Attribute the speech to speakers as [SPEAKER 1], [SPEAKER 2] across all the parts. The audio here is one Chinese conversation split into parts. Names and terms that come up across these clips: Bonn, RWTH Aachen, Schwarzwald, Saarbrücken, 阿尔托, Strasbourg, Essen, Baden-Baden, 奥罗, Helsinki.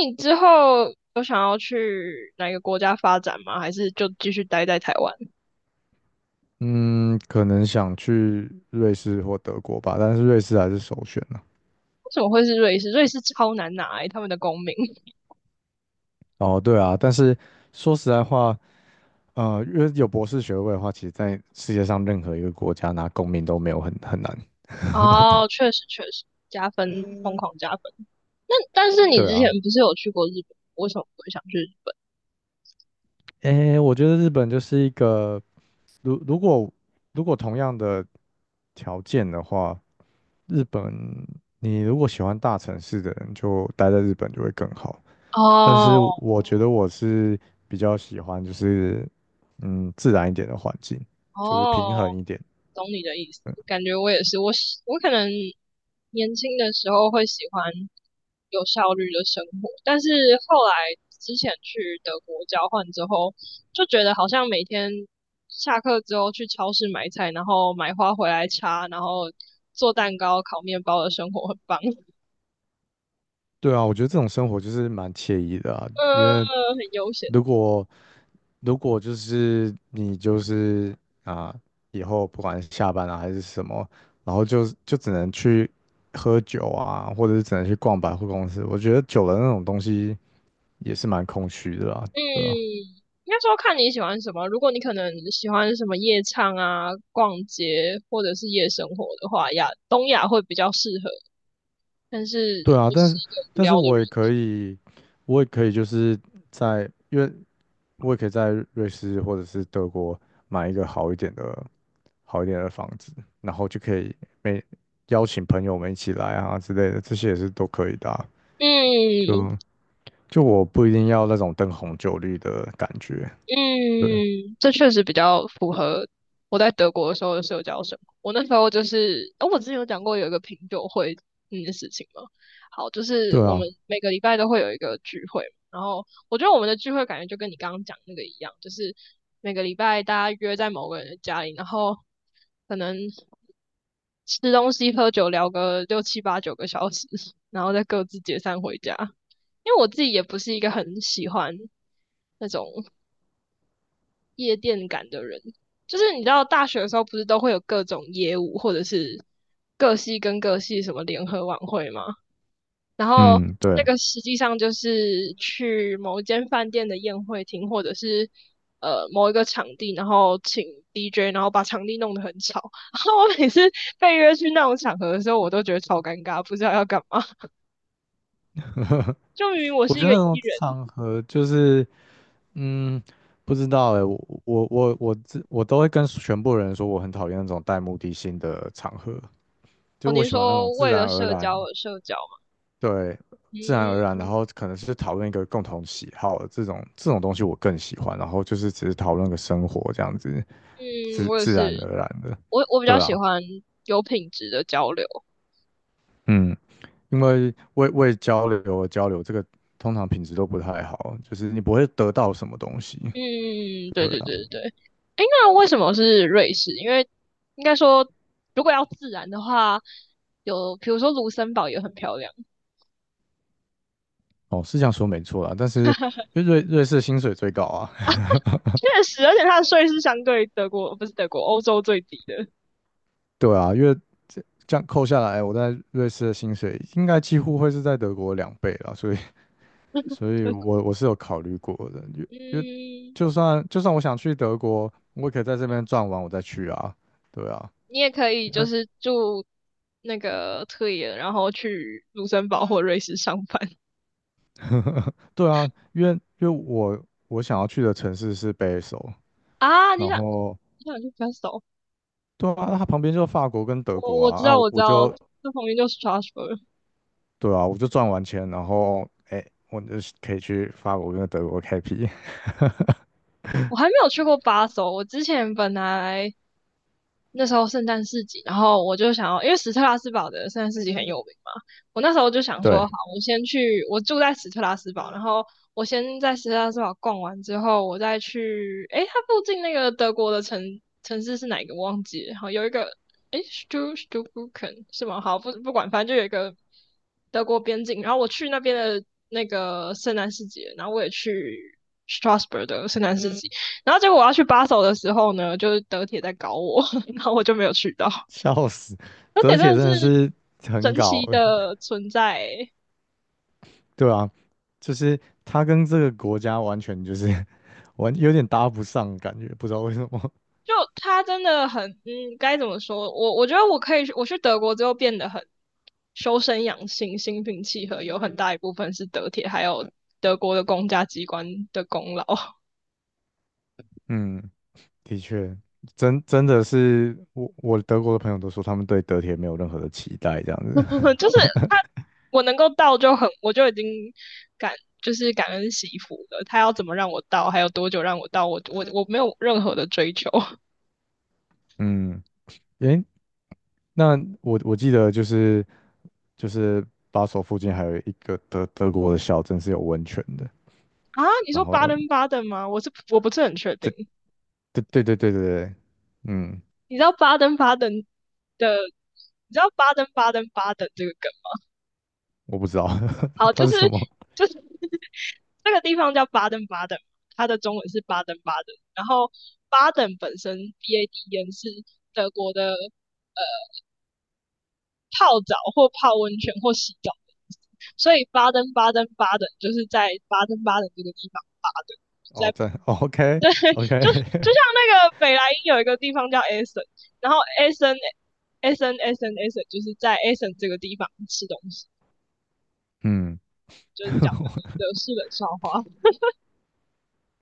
[SPEAKER 1] 你之后有想要去哪个国家发展吗？还是就继续待在台湾？
[SPEAKER 2] 嗯，可能想去瑞士或德国吧，但是瑞士还是首选呢。
[SPEAKER 1] 为什么会是瑞士？瑞士超难拿、欸，他们的公民。
[SPEAKER 2] 哦，对啊，但是说实在话，因为有博士学位的话，其实在世界上任何一个国家拿公民都没有很难。
[SPEAKER 1] 哦，确实确实加分，疯狂加分。那但是你
[SPEAKER 2] 对
[SPEAKER 1] 之前
[SPEAKER 2] 啊，
[SPEAKER 1] 不是有去过日本？为什么不会想去日本？
[SPEAKER 2] 诶，我觉得日本就是一个，如如果如果同样的条件的话，日本你如果喜欢大城市的人，就待在日本就会更好。但
[SPEAKER 1] 哦
[SPEAKER 2] 是我觉得我是比较喜欢，就是自然一点的环境，就是平
[SPEAKER 1] 哦，
[SPEAKER 2] 衡一点。
[SPEAKER 1] 懂你的意思，感觉我也是，我可能年轻的时候会喜欢有效率的生活，但是后来之前去德国交换之后，就觉得好像每天下课之后去超市买菜，然后买花回来插，然后做蛋糕、烤面包的生活很棒，
[SPEAKER 2] 对啊，我觉得这种生活就是蛮惬意的啊，因
[SPEAKER 1] 嗯、
[SPEAKER 2] 为
[SPEAKER 1] 很悠闲。
[SPEAKER 2] 如果如果就是你就是啊，以后不管是下班啊还是什么，然后就只能去喝酒啊，或者是只能去逛百货公司，我觉得久了那种东西也是蛮空虚的啊，对啊
[SPEAKER 1] 嗯，应该说看你喜欢什么。如果你可能喜欢什么夜唱啊、逛街或者是夜生活的话，亚东亚会比较适合。但是
[SPEAKER 2] 对啊，
[SPEAKER 1] 我
[SPEAKER 2] 但
[SPEAKER 1] 是
[SPEAKER 2] 是
[SPEAKER 1] 一个无
[SPEAKER 2] 但
[SPEAKER 1] 聊
[SPEAKER 2] 是
[SPEAKER 1] 的
[SPEAKER 2] 我也可以就是在，因为我也可以在瑞士或者是德国买一个好一点的房子，然后就可以每邀请朋友们一起来啊之类的，这些也是都可以的啊
[SPEAKER 1] 人，嗯，
[SPEAKER 2] 就就我不一定要那种灯红酒绿的感觉。对
[SPEAKER 1] 嗯，这确实比较符合我在德国的时候的社交生活。我那时候就是，哦，我之前有讲过有一个品酒会那件事情吗？好，就是
[SPEAKER 2] 对
[SPEAKER 1] 我
[SPEAKER 2] 啊，
[SPEAKER 1] 们每个礼拜都会有一个聚会，然后我觉得我们的聚会感觉就跟你刚刚讲那个一样，就是每个礼拜大家约在某个人的家里，然后可能吃东西、喝酒、聊个六七八九个小时，然后再各自解散回家。因为我自己也不是一个很喜欢那种。夜店感的人。就是你知道大学的时候不是都会有各种业务或者是各系跟各系什么联合晚会吗？然后
[SPEAKER 2] 嗯，
[SPEAKER 1] 那
[SPEAKER 2] 对，
[SPEAKER 1] 个实际上就是去某一间饭店的宴会厅或者是某一个场地，然后请 DJ，然后把场地弄得很吵。然后我每次被约去那种场合的时候，我都觉得超尴尬，不知道要干嘛。就明明我
[SPEAKER 2] 我
[SPEAKER 1] 是一
[SPEAKER 2] 觉得
[SPEAKER 1] 个
[SPEAKER 2] 那
[SPEAKER 1] E
[SPEAKER 2] 种
[SPEAKER 1] 人，
[SPEAKER 2] 场合就是。嗯，不知道哎，我都会跟全部人说，我很讨厌那种带目的性的场合，就是
[SPEAKER 1] 哦，
[SPEAKER 2] 我
[SPEAKER 1] 您
[SPEAKER 2] 喜欢那种
[SPEAKER 1] 说
[SPEAKER 2] 自
[SPEAKER 1] 为
[SPEAKER 2] 然
[SPEAKER 1] 了
[SPEAKER 2] 而
[SPEAKER 1] 社交
[SPEAKER 2] 然，
[SPEAKER 1] 而社交嘛？
[SPEAKER 2] 对，
[SPEAKER 1] 嗯
[SPEAKER 2] 自然而然，然
[SPEAKER 1] 嗯，
[SPEAKER 2] 后可能是讨论一个共同喜好这种东西我更喜欢，然后就是只是讨论个生活这样子，
[SPEAKER 1] 嗯
[SPEAKER 2] 自
[SPEAKER 1] 我也
[SPEAKER 2] 自
[SPEAKER 1] 是。
[SPEAKER 2] 然而然的，
[SPEAKER 1] 我比较
[SPEAKER 2] 对
[SPEAKER 1] 喜
[SPEAKER 2] 啊，
[SPEAKER 1] 欢有品质的交流。
[SPEAKER 2] 嗯，因为为交流而交流，这个通常品质都不太好，就是你不会得到什么东西，
[SPEAKER 1] 嗯，对
[SPEAKER 2] 对
[SPEAKER 1] 对
[SPEAKER 2] 啊。
[SPEAKER 1] 对对。那为什么是瑞士？因为应该说，如果要自然的话，有比如说卢森堡也很漂亮，
[SPEAKER 2] 哦，是这样说没错啦，但是因为瑞士薪水最高啊，
[SPEAKER 1] 确实，而且它的税是相对德国不是德国欧洲最低的。
[SPEAKER 2] 对啊，因为这样扣下来，我在瑞士的薪水应该几乎会是在德国两倍啦，所以我是有考虑过的，因为
[SPEAKER 1] 嗯，
[SPEAKER 2] 就算我想去德国，我也可以在这边赚完我再去啊，对啊，
[SPEAKER 1] 你也可以
[SPEAKER 2] 因
[SPEAKER 1] 就
[SPEAKER 2] 为
[SPEAKER 1] 是住那个特野，然后去卢森堡或瑞士上班
[SPEAKER 2] 对啊，因为我想要去的城市是北首，
[SPEAKER 1] 啊。你
[SPEAKER 2] 然
[SPEAKER 1] 想
[SPEAKER 2] 后
[SPEAKER 1] 你想去 f e s t
[SPEAKER 2] 对啊，它旁边就是法国跟德
[SPEAKER 1] 我
[SPEAKER 2] 国
[SPEAKER 1] 我
[SPEAKER 2] 啊，
[SPEAKER 1] 知
[SPEAKER 2] 啊
[SPEAKER 1] 道
[SPEAKER 2] 我
[SPEAKER 1] 我知
[SPEAKER 2] 我
[SPEAKER 1] 道，
[SPEAKER 2] 就
[SPEAKER 1] 这旁边就是 Strasbourg。
[SPEAKER 2] 对啊，我就赚完钱，然后哎，我就可以去法国跟德国开辟。
[SPEAKER 1] 我还没有去过巴首，我之前本来那时候圣诞市集，然后我就想要，因为史特拉斯堡的圣诞市集很有名嘛，我那时候就想说，
[SPEAKER 2] 对，
[SPEAKER 1] 好，我先去，我住在史特拉斯堡，然后我先在史特拉斯堡逛完之后，我再去，诶，它附近那个德国的城市是哪一个忘记了，好，有一个，诶 s t u s t u b r u c k e n 是吗？好，不管，反正就有一个德国边境，然后我去那边的那个圣诞市集，然后我也去 Strasbourg 的圣诞市集。然后结果我要去巴首的时候呢，就是德铁在搞我，然后我就没有去到。
[SPEAKER 2] 笑死，
[SPEAKER 1] 德铁
[SPEAKER 2] 德
[SPEAKER 1] 真
[SPEAKER 2] 铁
[SPEAKER 1] 的
[SPEAKER 2] 真
[SPEAKER 1] 是
[SPEAKER 2] 的是很
[SPEAKER 1] 神
[SPEAKER 2] 搞，
[SPEAKER 1] 奇的存在欸。
[SPEAKER 2] 对啊，就是他跟这个国家完全就是 有点搭不上，感觉不知道为什么。
[SPEAKER 1] 就他真的很，嗯，该怎么说？我觉得我可以，我去德国之后变得很修身养性、心平气和，有很大一部分是德铁还有德国的公家机关的功劳，
[SPEAKER 2] 嗯 的确，真的是我德国的朋友都说他们对德铁没有任何的期待这样子。
[SPEAKER 1] 就是他我能够到就很，我就已经感就是感恩惜福了。他要怎么让我到，还有多久让我到，我没有任何的追求。
[SPEAKER 2] 嗯，诶，那我记得就是巴首附近还有一个德国的小镇是有温泉的。
[SPEAKER 1] 啊，你
[SPEAKER 2] 然
[SPEAKER 1] 说巴
[SPEAKER 2] 后
[SPEAKER 1] 登巴登吗？我是我不是很确定。
[SPEAKER 2] 对对对对对对对，嗯，
[SPEAKER 1] 你知道巴登巴登的，你知道巴登巴登巴登这个梗？
[SPEAKER 2] 我不知道
[SPEAKER 1] 好，
[SPEAKER 2] 它
[SPEAKER 1] 就
[SPEAKER 2] 是
[SPEAKER 1] 是
[SPEAKER 2] 什么。
[SPEAKER 1] 就是 这个地方叫巴登巴登，它的中文是巴登巴登。然后巴登本身 B A D E N 是德国的泡澡或泡温泉或洗澡的意思，所以巴登巴登巴登就是在巴登巴登这个地方巴登，
[SPEAKER 2] 哦，
[SPEAKER 1] 在
[SPEAKER 2] 真 OK
[SPEAKER 1] 就就
[SPEAKER 2] OK,
[SPEAKER 1] 像那个北莱茵有一个地方叫 Essen，然后 Essen Essen Essen Essen 就是在 Essen 这个地方吃东西，
[SPEAKER 2] 嗯，
[SPEAKER 1] 就是讲完德式冷笑话，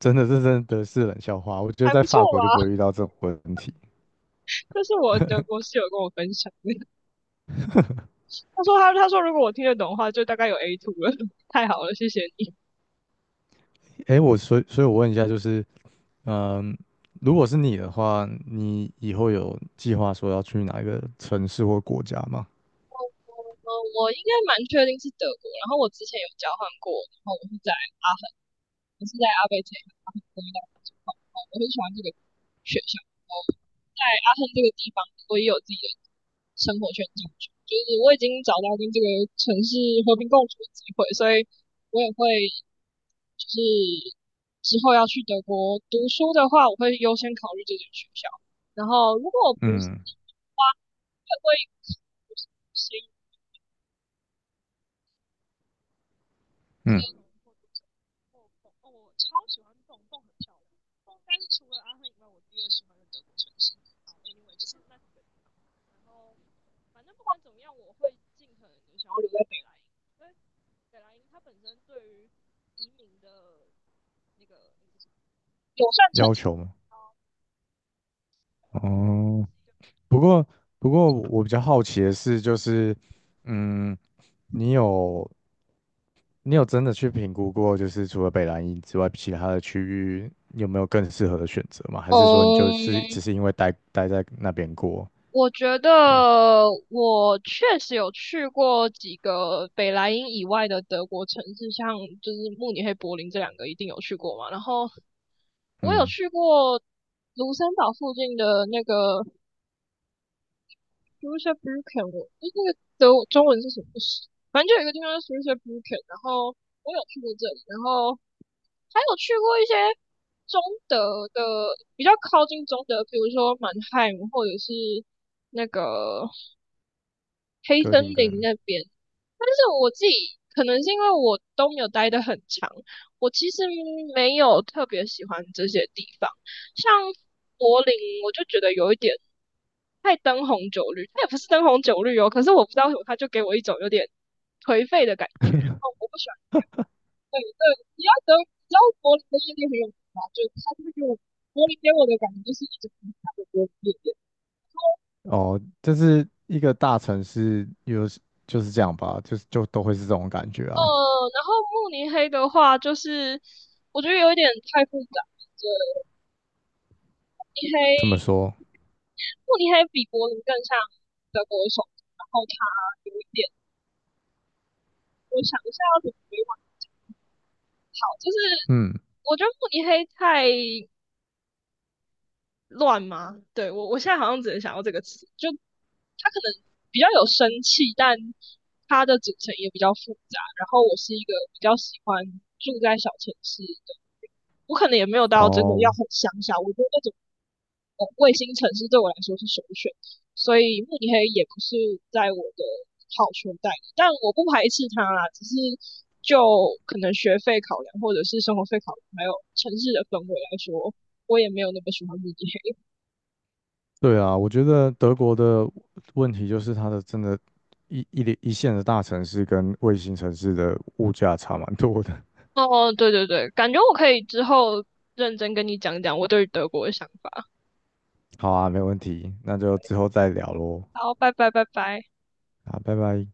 [SPEAKER 2] 真的是冷笑话。我觉得
[SPEAKER 1] 还
[SPEAKER 2] 在
[SPEAKER 1] 不错
[SPEAKER 2] 法国就不会遇
[SPEAKER 1] 吧？
[SPEAKER 2] 到这种问题。
[SPEAKER 1] 这是我德国室友跟我分享的，他说如果我听得懂的话，就大概有 A two 了，太好了，谢谢你。
[SPEAKER 2] 诶，我所以所以，我问一下，就是如果是你的话，你以后有计划说要去哪一个城市或国家吗？
[SPEAKER 1] 嗯，我应该蛮确定是德国，然后我之前有交换过，然后我是在阿我是在阿贝这一行阿亨工业大学情况，我很喜欢这个学校，然后在阿亨这个地方，我也有自己的生活圈进去，就是我已经找到跟这个城市和平共处的机会，所以我也会就是之后要去德国读书的话，我会优先考虑这间学校。然后如果我不是
[SPEAKER 2] 嗯
[SPEAKER 1] 的话，会不会先推
[SPEAKER 2] 嗯，
[SPEAKER 1] 轮或者什么。我哦我超喜欢蹦蹦，很漂亮。蹦应该是除了阿亨以外，我第二喜欢的德国城市。好，anyway 就是那几个，然后反正不管怎么样，我会尽可能的想要留在北莱茵，因为北莱茵它本身对于移民的那个友善程
[SPEAKER 2] 要
[SPEAKER 1] 度，
[SPEAKER 2] 求吗？哦，不过不过我比较好奇的是，就是嗯，你有你有真的去评估过，就是除了北兰茵之外，其他的区域有没有更适合的选择吗？还是说你就是
[SPEAKER 1] 嗯，
[SPEAKER 2] 只是因为待在那边过？
[SPEAKER 1] 我觉
[SPEAKER 2] 对，
[SPEAKER 1] 得我确实有去过几个北莱茵以外的德国城市，像就是慕尼黑、柏林这两个一定有去过嘛。然后我有
[SPEAKER 2] 嗯，
[SPEAKER 1] 去过卢森堡附近的那个 s c h u s w e b r i c k e n 我诶那个德中文是什么？反正就有一个地方叫 s c h u s w e b r i c k e n 然后我有去过这里，然后还有去过一些中德的比较靠近中德，比如说满汉或者是那个黑
[SPEAKER 2] 哥
[SPEAKER 1] 森
[SPEAKER 2] 廷
[SPEAKER 1] 林
[SPEAKER 2] 根
[SPEAKER 1] 那边。但是我自己可能是因为我都没有待得很长，我其实没有特别喜欢这些地方。像柏林，我就觉得有一点太灯红酒绿，它也不是灯红酒绿哦，可是我不知道为什么，它就给我一种有点颓废的感觉。然后 我不喜欢，对对，你要等，你知道柏林的夜店很有名吗？就是它就是给我柏林给我的感觉就是一直不停的柏林夜店。
[SPEAKER 2] 哦，就是一个大城市，有就是这样吧，就是就都会是这种感觉
[SPEAKER 1] 呃，
[SPEAKER 2] 啊。
[SPEAKER 1] 然后慕尼黑的话，就是我觉得有一点太复杂。对，慕尼
[SPEAKER 2] 这么
[SPEAKER 1] 黑，
[SPEAKER 2] 说，
[SPEAKER 1] 慕尼黑比柏林更像德国的首手，然后它有一点，我想一下要怎么委婉好，就是
[SPEAKER 2] 嗯，
[SPEAKER 1] 我觉得慕尼黑太乱吗？对，我我现在好像只能想到这个词，就它可能比较有生气，但它的组成也比较复杂。然后我是一个比较喜欢住在小城市的我可能也没有到真的要
[SPEAKER 2] 哦，
[SPEAKER 1] 很乡下，我觉得那种卫星城市对我来说是首选，所以慕尼黑也不是在我的好圈带里但我不排斥它啦，只是就可能学费考量或者是生活费考量，还有城市的氛围来说，我也没有那么喜欢慕尼黑。
[SPEAKER 2] 对啊，我觉得德国的问题就是它的真的一线的大城市跟卫星城市的物价差蛮多的。
[SPEAKER 1] 哦，对对对，感觉我可以之后认真跟你讲讲我对于德国的想法。
[SPEAKER 2] 好啊，没问题，那就之后再聊喽。
[SPEAKER 1] 好，拜拜拜拜。
[SPEAKER 2] 好，拜拜。